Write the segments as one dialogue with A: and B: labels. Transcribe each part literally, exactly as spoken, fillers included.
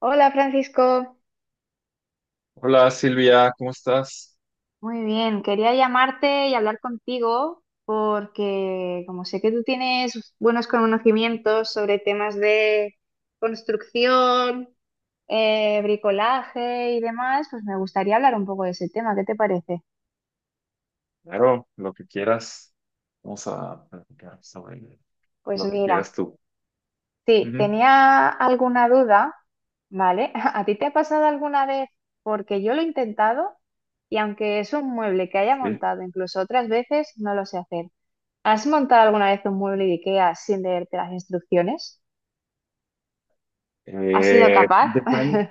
A: Hola, Francisco.
B: Hola Silvia, ¿cómo estás?
A: Muy bien, quería llamarte y hablar contigo porque como sé que tú tienes buenos conocimientos sobre temas de construcción, eh, bricolaje y demás, pues me gustaría hablar un poco de ese tema. ¿Qué te parece?
B: Claro, lo que quieras. Vamos a platicar sobre
A: Pues
B: lo que quieras
A: mira,
B: tú.
A: sí,
B: Ujú.
A: tenía alguna duda, ¿vale? ¿A ti te ha pasado alguna vez? Porque yo lo he intentado y aunque es un mueble que haya
B: Sí.
A: montado incluso otras veces, no lo sé hacer. ¿Has montado alguna vez un mueble de IKEA sin leerte las instrucciones? ¿Has sido
B: Eh,
A: capaz?
B: depen-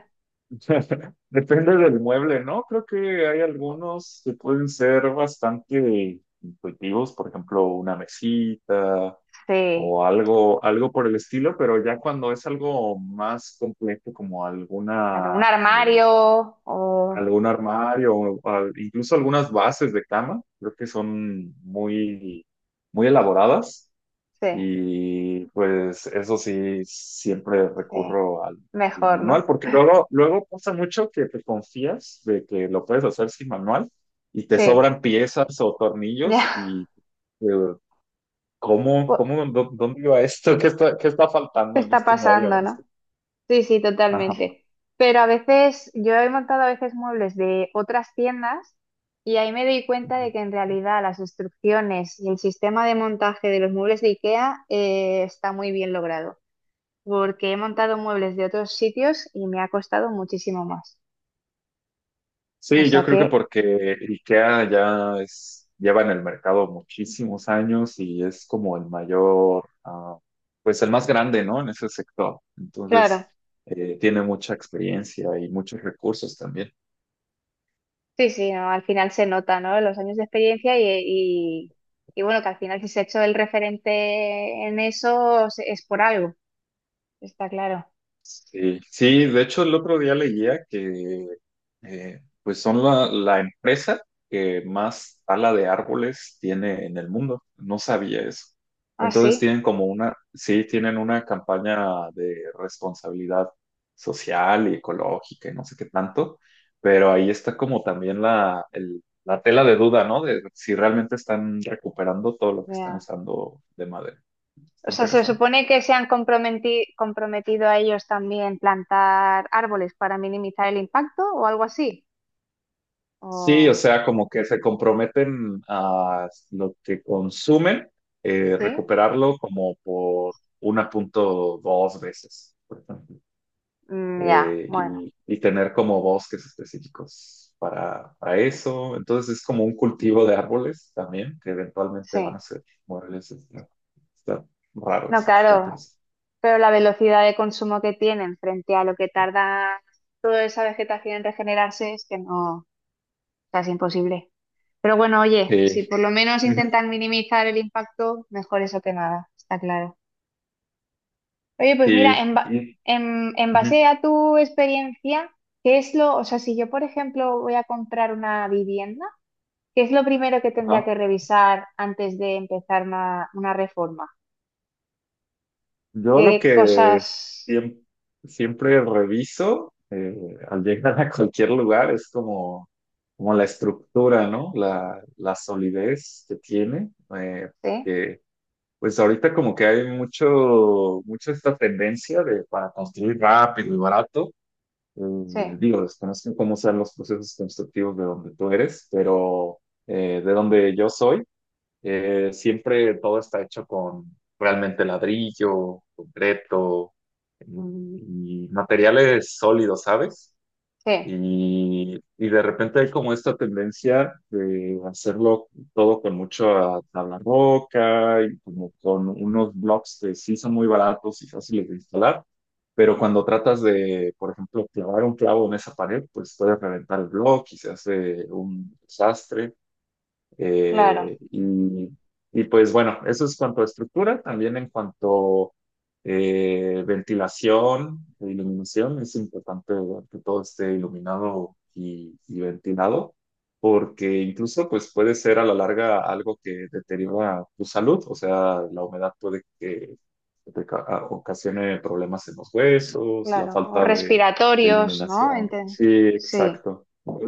B: Depende del mueble, ¿no? Creo que hay algunos que pueden ser bastante intuitivos, por ejemplo, una mesita
A: Sí,
B: o algo, algo por el estilo, pero ya cuando es algo más complejo como
A: claro, un
B: alguna eh,
A: armario o...
B: algún armario o al- incluso algunas bases de cama, creo que son muy, muy elaboradas
A: Sí,
B: y pues eso sí, siempre
A: sí,
B: recurro al, al
A: mejor,
B: manual
A: ¿no?
B: porque luego, luego pasa mucho que te confías de que lo puedes hacer sin manual y te
A: Sí,
B: sobran piezas o
A: ya.
B: tornillos y eh, ¿cómo,
A: bu-
B: cómo, dó- dónde iba esto? ¿Qué está, qué está faltando en
A: Está
B: este mueble o
A: pasando,
B: en este?
A: ¿no? Sí, sí,
B: Ajá.
A: totalmente. Pero a veces, yo he montado a veces muebles de otras tiendas y ahí me doy cuenta de que en realidad las instrucciones y el sistema de montaje de los muebles de IKEA eh, está muy bien logrado. Porque he montado muebles de otros sitios y me ha costado muchísimo más. O
B: Sí,
A: sea
B: yo creo
A: que,
B: que porque IKEA ya es, lleva en el mercado muchísimos años y es como el mayor, ah, pues el más grande, ¿no? En ese sector.
A: claro,
B: Entonces, eh, tiene mucha experiencia y muchos recursos también.
A: sí, sí, no, al final se nota, ¿no? Los años de experiencia y, y, y bueno, que al final si se ha hecho el referente en eso se- es por algo, está claro.
B: Sí, sí, de hecho el otro día leía que eh, pues son la, la empresa que más tala de árboles tiene en el mundo. No sabía eso.
A: Ah, sí,
B: Entonces tienen como una, sí, tienen una campaña de responsabilidad social y ecológica y no sé qué tanto, pero ahí está como también la, el- la tela de duda, ¿no? De si realmente están recuperando todo lo que están
A: ya.
B: usando de madera.
A: O
B: Está
A: sea, se
B: interesante.
A: supone que se han comprometi- comprometido a ellos también plantar árboles para minimizar el impacto o algo así.
B: Sí, o
A: O,
B: sea, como que se comprometen a lo que consumen, eh,
A: sí.
B: recuperarlo como por uno punto dos veces, por ejemplo.
A: Mm, ya,
B: Eh,
A: bueno,
B: y, y tener como bosques específicos para, para eso. Entonces es como un cultivo de árboles también, que eventualmente van
A: sí.
B: a ser muebles. Está, está raro
A: No,
B: eso, está
A: claro.
B: interesante.
A: Pero la velocidad de consumo que tienen frente a lo que tarda toda esa vegetación en regenerarse es que no, o sea, es imposible. Pero bueno, oye, si
B: Sí.
A: por lo menos
B: Ujú.
A: intentan minimizar el impacto, mejor eso que nada, está claro. Oye, pues mira,
B: Sí,
A: en, ba-
B: sí.
A: en, en base
B: Ujú.
A: a tu experiencia, ¿qué es lo, o sea, si yo, por ejemplo, voy a comprar una vivienda, ¿qué es lo primero que tendría
B: Ajá.
A: que revisar antes de empezar una, una reforma?
B: Yo lo
A: ¿Qué
B: que
A: cosas?
B: siem- siempre reviso eh, al llegar a cualquier lugar es como, como la estructura, ¿no? La, la solidez que tiene. eh,
A: Sí,
B: que, pues ahorita como que hay mucho, mucho esta tendencia de para construir rápido y barato.
A: sí,
B: Eh, digo, desconozco cómo sean los procesos constructivos de donde tú eres, pero eh, de donde yo soy eh, siempre todo está hecho con realmente ladrillo, concreto, mm, y materiales sólidos, ¿sabes?
A: sí,
B: Y, y de repente hay como esta tendencia de hacerlo todo con mucha tabla roca y como con unos blocks que sí son muy baratos y fáciles de instalar, pero cuando tratas de, por ejemplo, clavar un clavo en esa pared, pues puedes reventar el bloque y se hace un desastre.
A: claro.
B: Eh, y, y pues bueno, eso es cuanto a estructura, también en cuanto eh, ventilación e iluminación, es importante ver que todo esté iluminado y, y ventilado, porque incluso pues puede ser a la larga algo que deteriora tu salud, o sea, la humedad puede que te ca- a- ocasione problemas en los huesos, la
A: Claro, o
B: falta de, de
A: respiratorios, ¿no?
B: iluminación.
A: Ente-
B: Sí,
A: Sí,
B: exacto.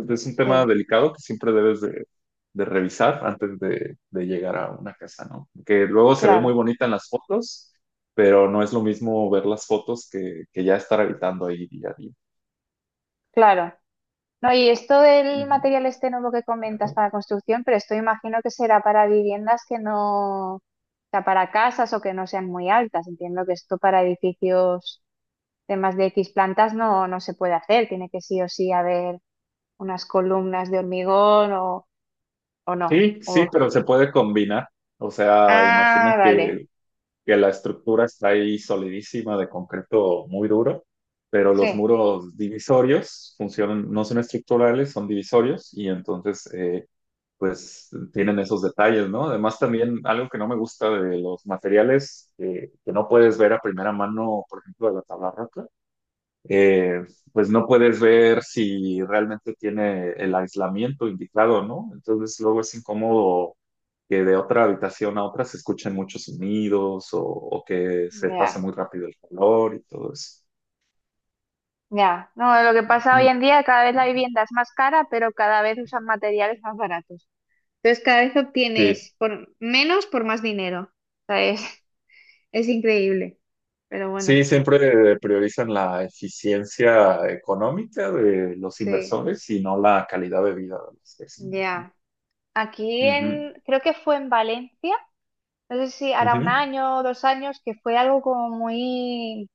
B: Es un tema
A: sí,
B: delicado que siempre debes de de revisar antes de, de llegar a una casa, ¿no? Que luego se ve muy
A: claro,
B: bonita en las fotos, pero no es lo mismo ver las fotos que, que ya estar habitando ahí día a día.
A: claro. No, y esto del
B: Ujú.
A: material este nuevo que comentas para construcción, pero esto imagino que será para viviendas que no, o sea, para casas o que no sean muy altas. Entiendo que esto para edificios de más de X plantas no, no se puede hacer. Tiene que sí o sí haber unas columnas de hormigón o, o no.
B: Sí, sí,
A: O...
B: pero se puede combinar. O sea,
A: Ah,
B: imagina
A: vale,
B: que, que la estructura está ahí solidísima de concreto muy duro, pero los
A: sí,
B: muros divisorios funcionan, no son estructurales, son divisorios y entonces eh, pues tienen esos detalles, ¿no? Además también algo que no me gusta de los materiales eh, que no puedes ver a primera mano, por ejemplo, de la tabla roca, eh, pues no puedes ver si realmente tiene el aislamiento indicado, ¿no? Entonces luego es incómodo que de otra habitación a otra se escuchen muchos sonidos o, o que se pase
A: ya.
B: muy rápido el calor y todo eso.
A: Ya, no, lo que pasa hoy
B: Ujú.
A: en día, cada vez la vivienda es más cara, pero cada vez usan materiales más baratos. Entonces, cada vez
B: Sí.
A: obtienes por menos por más dinero. O sea, es, es increíble. Pero bueno,
B: Sí, siempre priorizan la eficiencia económica de los
A: sí,
B: inversores y no la calidad de vida de los vecinos.
A: ya. Aquí
B: Ujú,
A: en, creo que fue en Valencia. No sé si hará un
B: ujú,
A: año, o dos años, que fue algo como muy,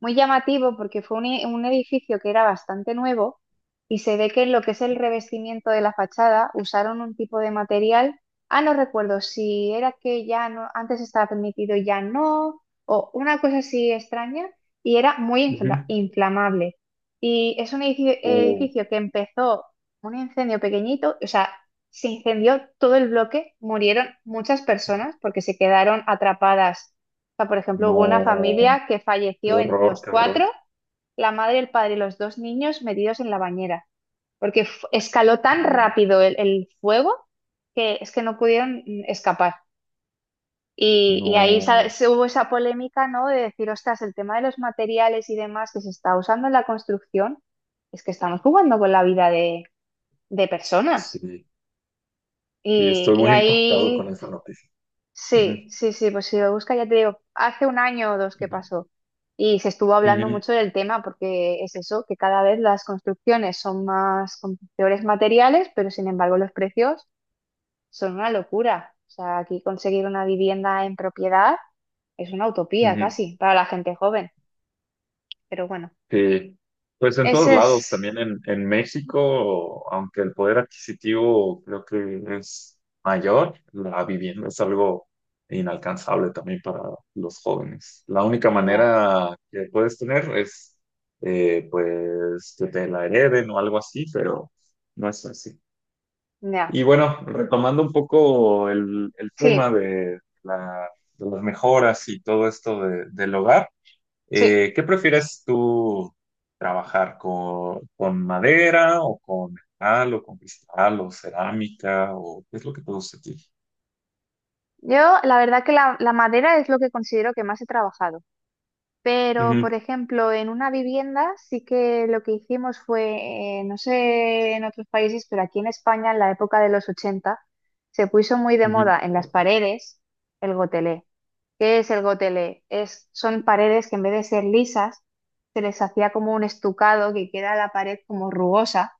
A: muy llamativo porque fue un, e- un edificio que era bastante nuevo y se ve que en lo que es el revestimiento de la fachada usaron un tipo de material. Ah, no recuerdo si era que ya no, antes estaba permitido, y ya no, o una cosa así extraña, y era muy
B: ujú.
A: infla- inflamable. Y es un edificio,
B: Oh,
A: edificio que empezó un incendio pequeñito, o sea, se incendió todo el bloque, murieron muchas personas porque se quedaron atrapadas. O sea, por ejemplo, hubo una
B: no,
A: familia que
B: qué
A: falleció en
B: horror,
A: los
B: qué horror.
A: cuatro, la madre, el padre y los dos niños metidos en la bañera, porque f- escaló tan
B: Oh,
A: rápido el, el fuego que es que no pudieron mm, escapar. Y, y ahí sa-
B: no,
A: se hubo esa polémica, ¿no? De decir, ostras, el tema de los materiales y demás que se está usando en la construcción, es que estamos jugando con la vida de, de personas.
B: sí, sí,
A: Y,
B: estoy
A: y
B: muy impactado
A: ahí
B: con esa noticia. Ujú,
A: sí, sí, sí, pues si lo busca, ya te digo, hace un año o dos que
B: ujú,
A: pasó y se estuvo hablando
B: ujú,
A: mucho del tema porque es eso, que cada vez las construcciones son más con peores materiales, pero sin embargo los precios son una locura. O sea, aquí conseguir una vivienda en propiedad es una utopía
B: ujú.
A: casi para la gente joven, pero bueno,
B: Sí, pues en todos
A: ese
B: lados,
A: es...
B: también en, en México, aunque el poder adquisitivo creo que es mayor, la vivienda es algo inalcanzable también para los jóvenes. La única
A: Ya,
B: manera que puedes tener es, eh, pues, que te la hereden o algo así, pero no es así.
A: ya,
B: Y bueno, retomando un poco el, el tema
A: sí,
B: de, la- de las mejoras y todo esto de- del hogar.
A: sí.
B: Eh, ¿qué prefieres tú trabajar con, con madera o con metal o con cristal o cerámica o qué es lo que te gusta a ti?
A: Yo la verdad que la, la madera es lo que considero que más he trabajado. Pero,
B: Ujú,
A: por ejemplo, en una vivienda sí que lo que hicimos fue, eh, no sé en otros países, pero aquí en España en la época de los ochenta se puso muy de
B: ujú.
A: moda en las paredes el gotelé. ¿Qué es el gotelé? Es, son paredes que en vez de ser lisas se les hacía como un estucado que queda la pared como rugosa.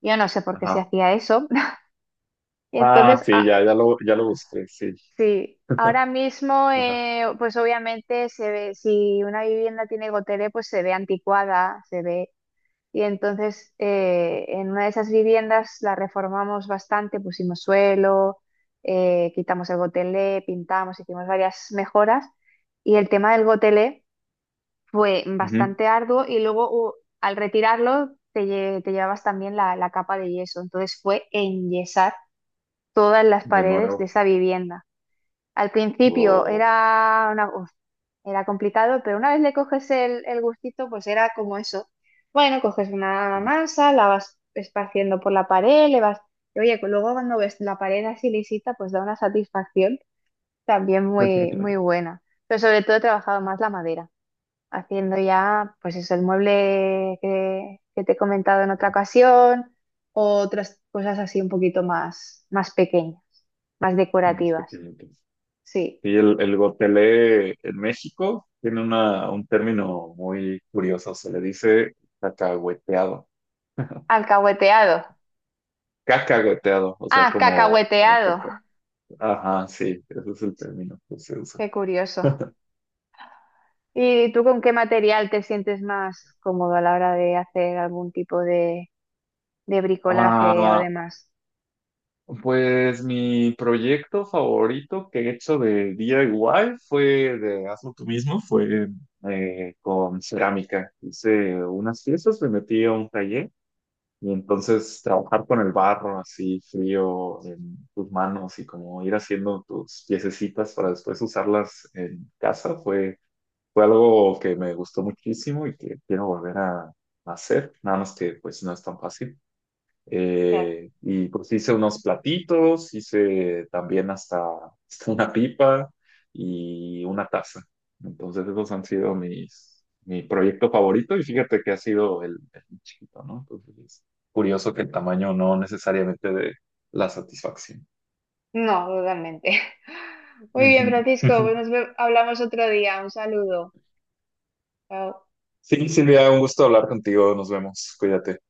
A: Yo no sé por qué se
B: Ajá.
A: hacía eso. Y
B: Ah,
A: entonces,
B: sí,
A: ah,
B: ya, ya lo, ya lo busqué, sí.
A: sí, ahora mismo,
B: Ajá.
A: eh, pues obviamente se ve, si una vivienda tiene gotelé, pues se ve anticuada, se ve, y entonces eh, en una de esas viviendas la reformamos bastante, pusimos suelo, eh, quitamos el gotelé, pintamos, hicimos varias mejoras. Y el tema del gotelé fue
B: Ujú.
A: bastante arduo y luego u- al retirarlo te, lle- te llevabas también la, la capa de yeso. Entonces fue enyesar todas las
B: De
A: paredes de
B: nuevo.
A: esa vivienda. Al principio
B: Wow.
A: era una, uf, era complicado, pero una vez le coges el, el gustito, pues era como eso. Bueno, coges una
B: Ujú.
A: masa, la vas esparciendo por la pared, le vas... Y oye, luego cuando ves la pared así lisita, pues da una satisfacción también muy, muy buena. Pero sobre todo he trabajado más la madera, haciendo ya, pues eso, el mueble que, que te he comentado en otra ocasión, o otras cosas así un poquito más, más pequeñas, más
B: Unos
A: decorativas.
B: pequeñitos.
A: Sí.
B: Y el, el gotelé en México tiene una, un término muy curioso, se le dice cacahueteado.
A: Alcahueteado.
B: Cascagoteado, o sea,
A: Ah,
B: como, como
A: cacahueteado.
B: caca. Ajá, sí, ese es el término que se usa.
A: Qué curioso. ¿Y tú con qué material te sientes más cómodo a la hora de hacer algún tipo de, de bricolaje o
B: Ah,
A: demás?
B: pues mi proyecto favorito que he hecho de D I Y fue de hazlo tú mismo, fue eh, con cerámica. Hice unas piezas, me metí a un taller y entonces trabajar con el barro así frío en tus manos y como ir haciendo tus piececitas para después usarlas en casa fue. Fue algo que me gustó muchísimo y que quiero volver a, a hacer, nada más que pues no es tan fácil.
A: Claro.
B: Eh, y pues hice unos platitos, hice también hasta, hasta una pipa y una taza. Entonces esos han sido mis, mi proyecto favorito y fíjate que ha sido el, el más chiquito, ¿no? Entonces es curioso que el tamaño no necesariamente de la satisfacción.
A: No, totalmente. Muy
B: Ujú.
A: bien, Francisco, pues nos ve- hablamos otro día. Un saludo. Chao.
B: Sí, Silvia, un gusto hablar contigo, nos vemos, cuídate.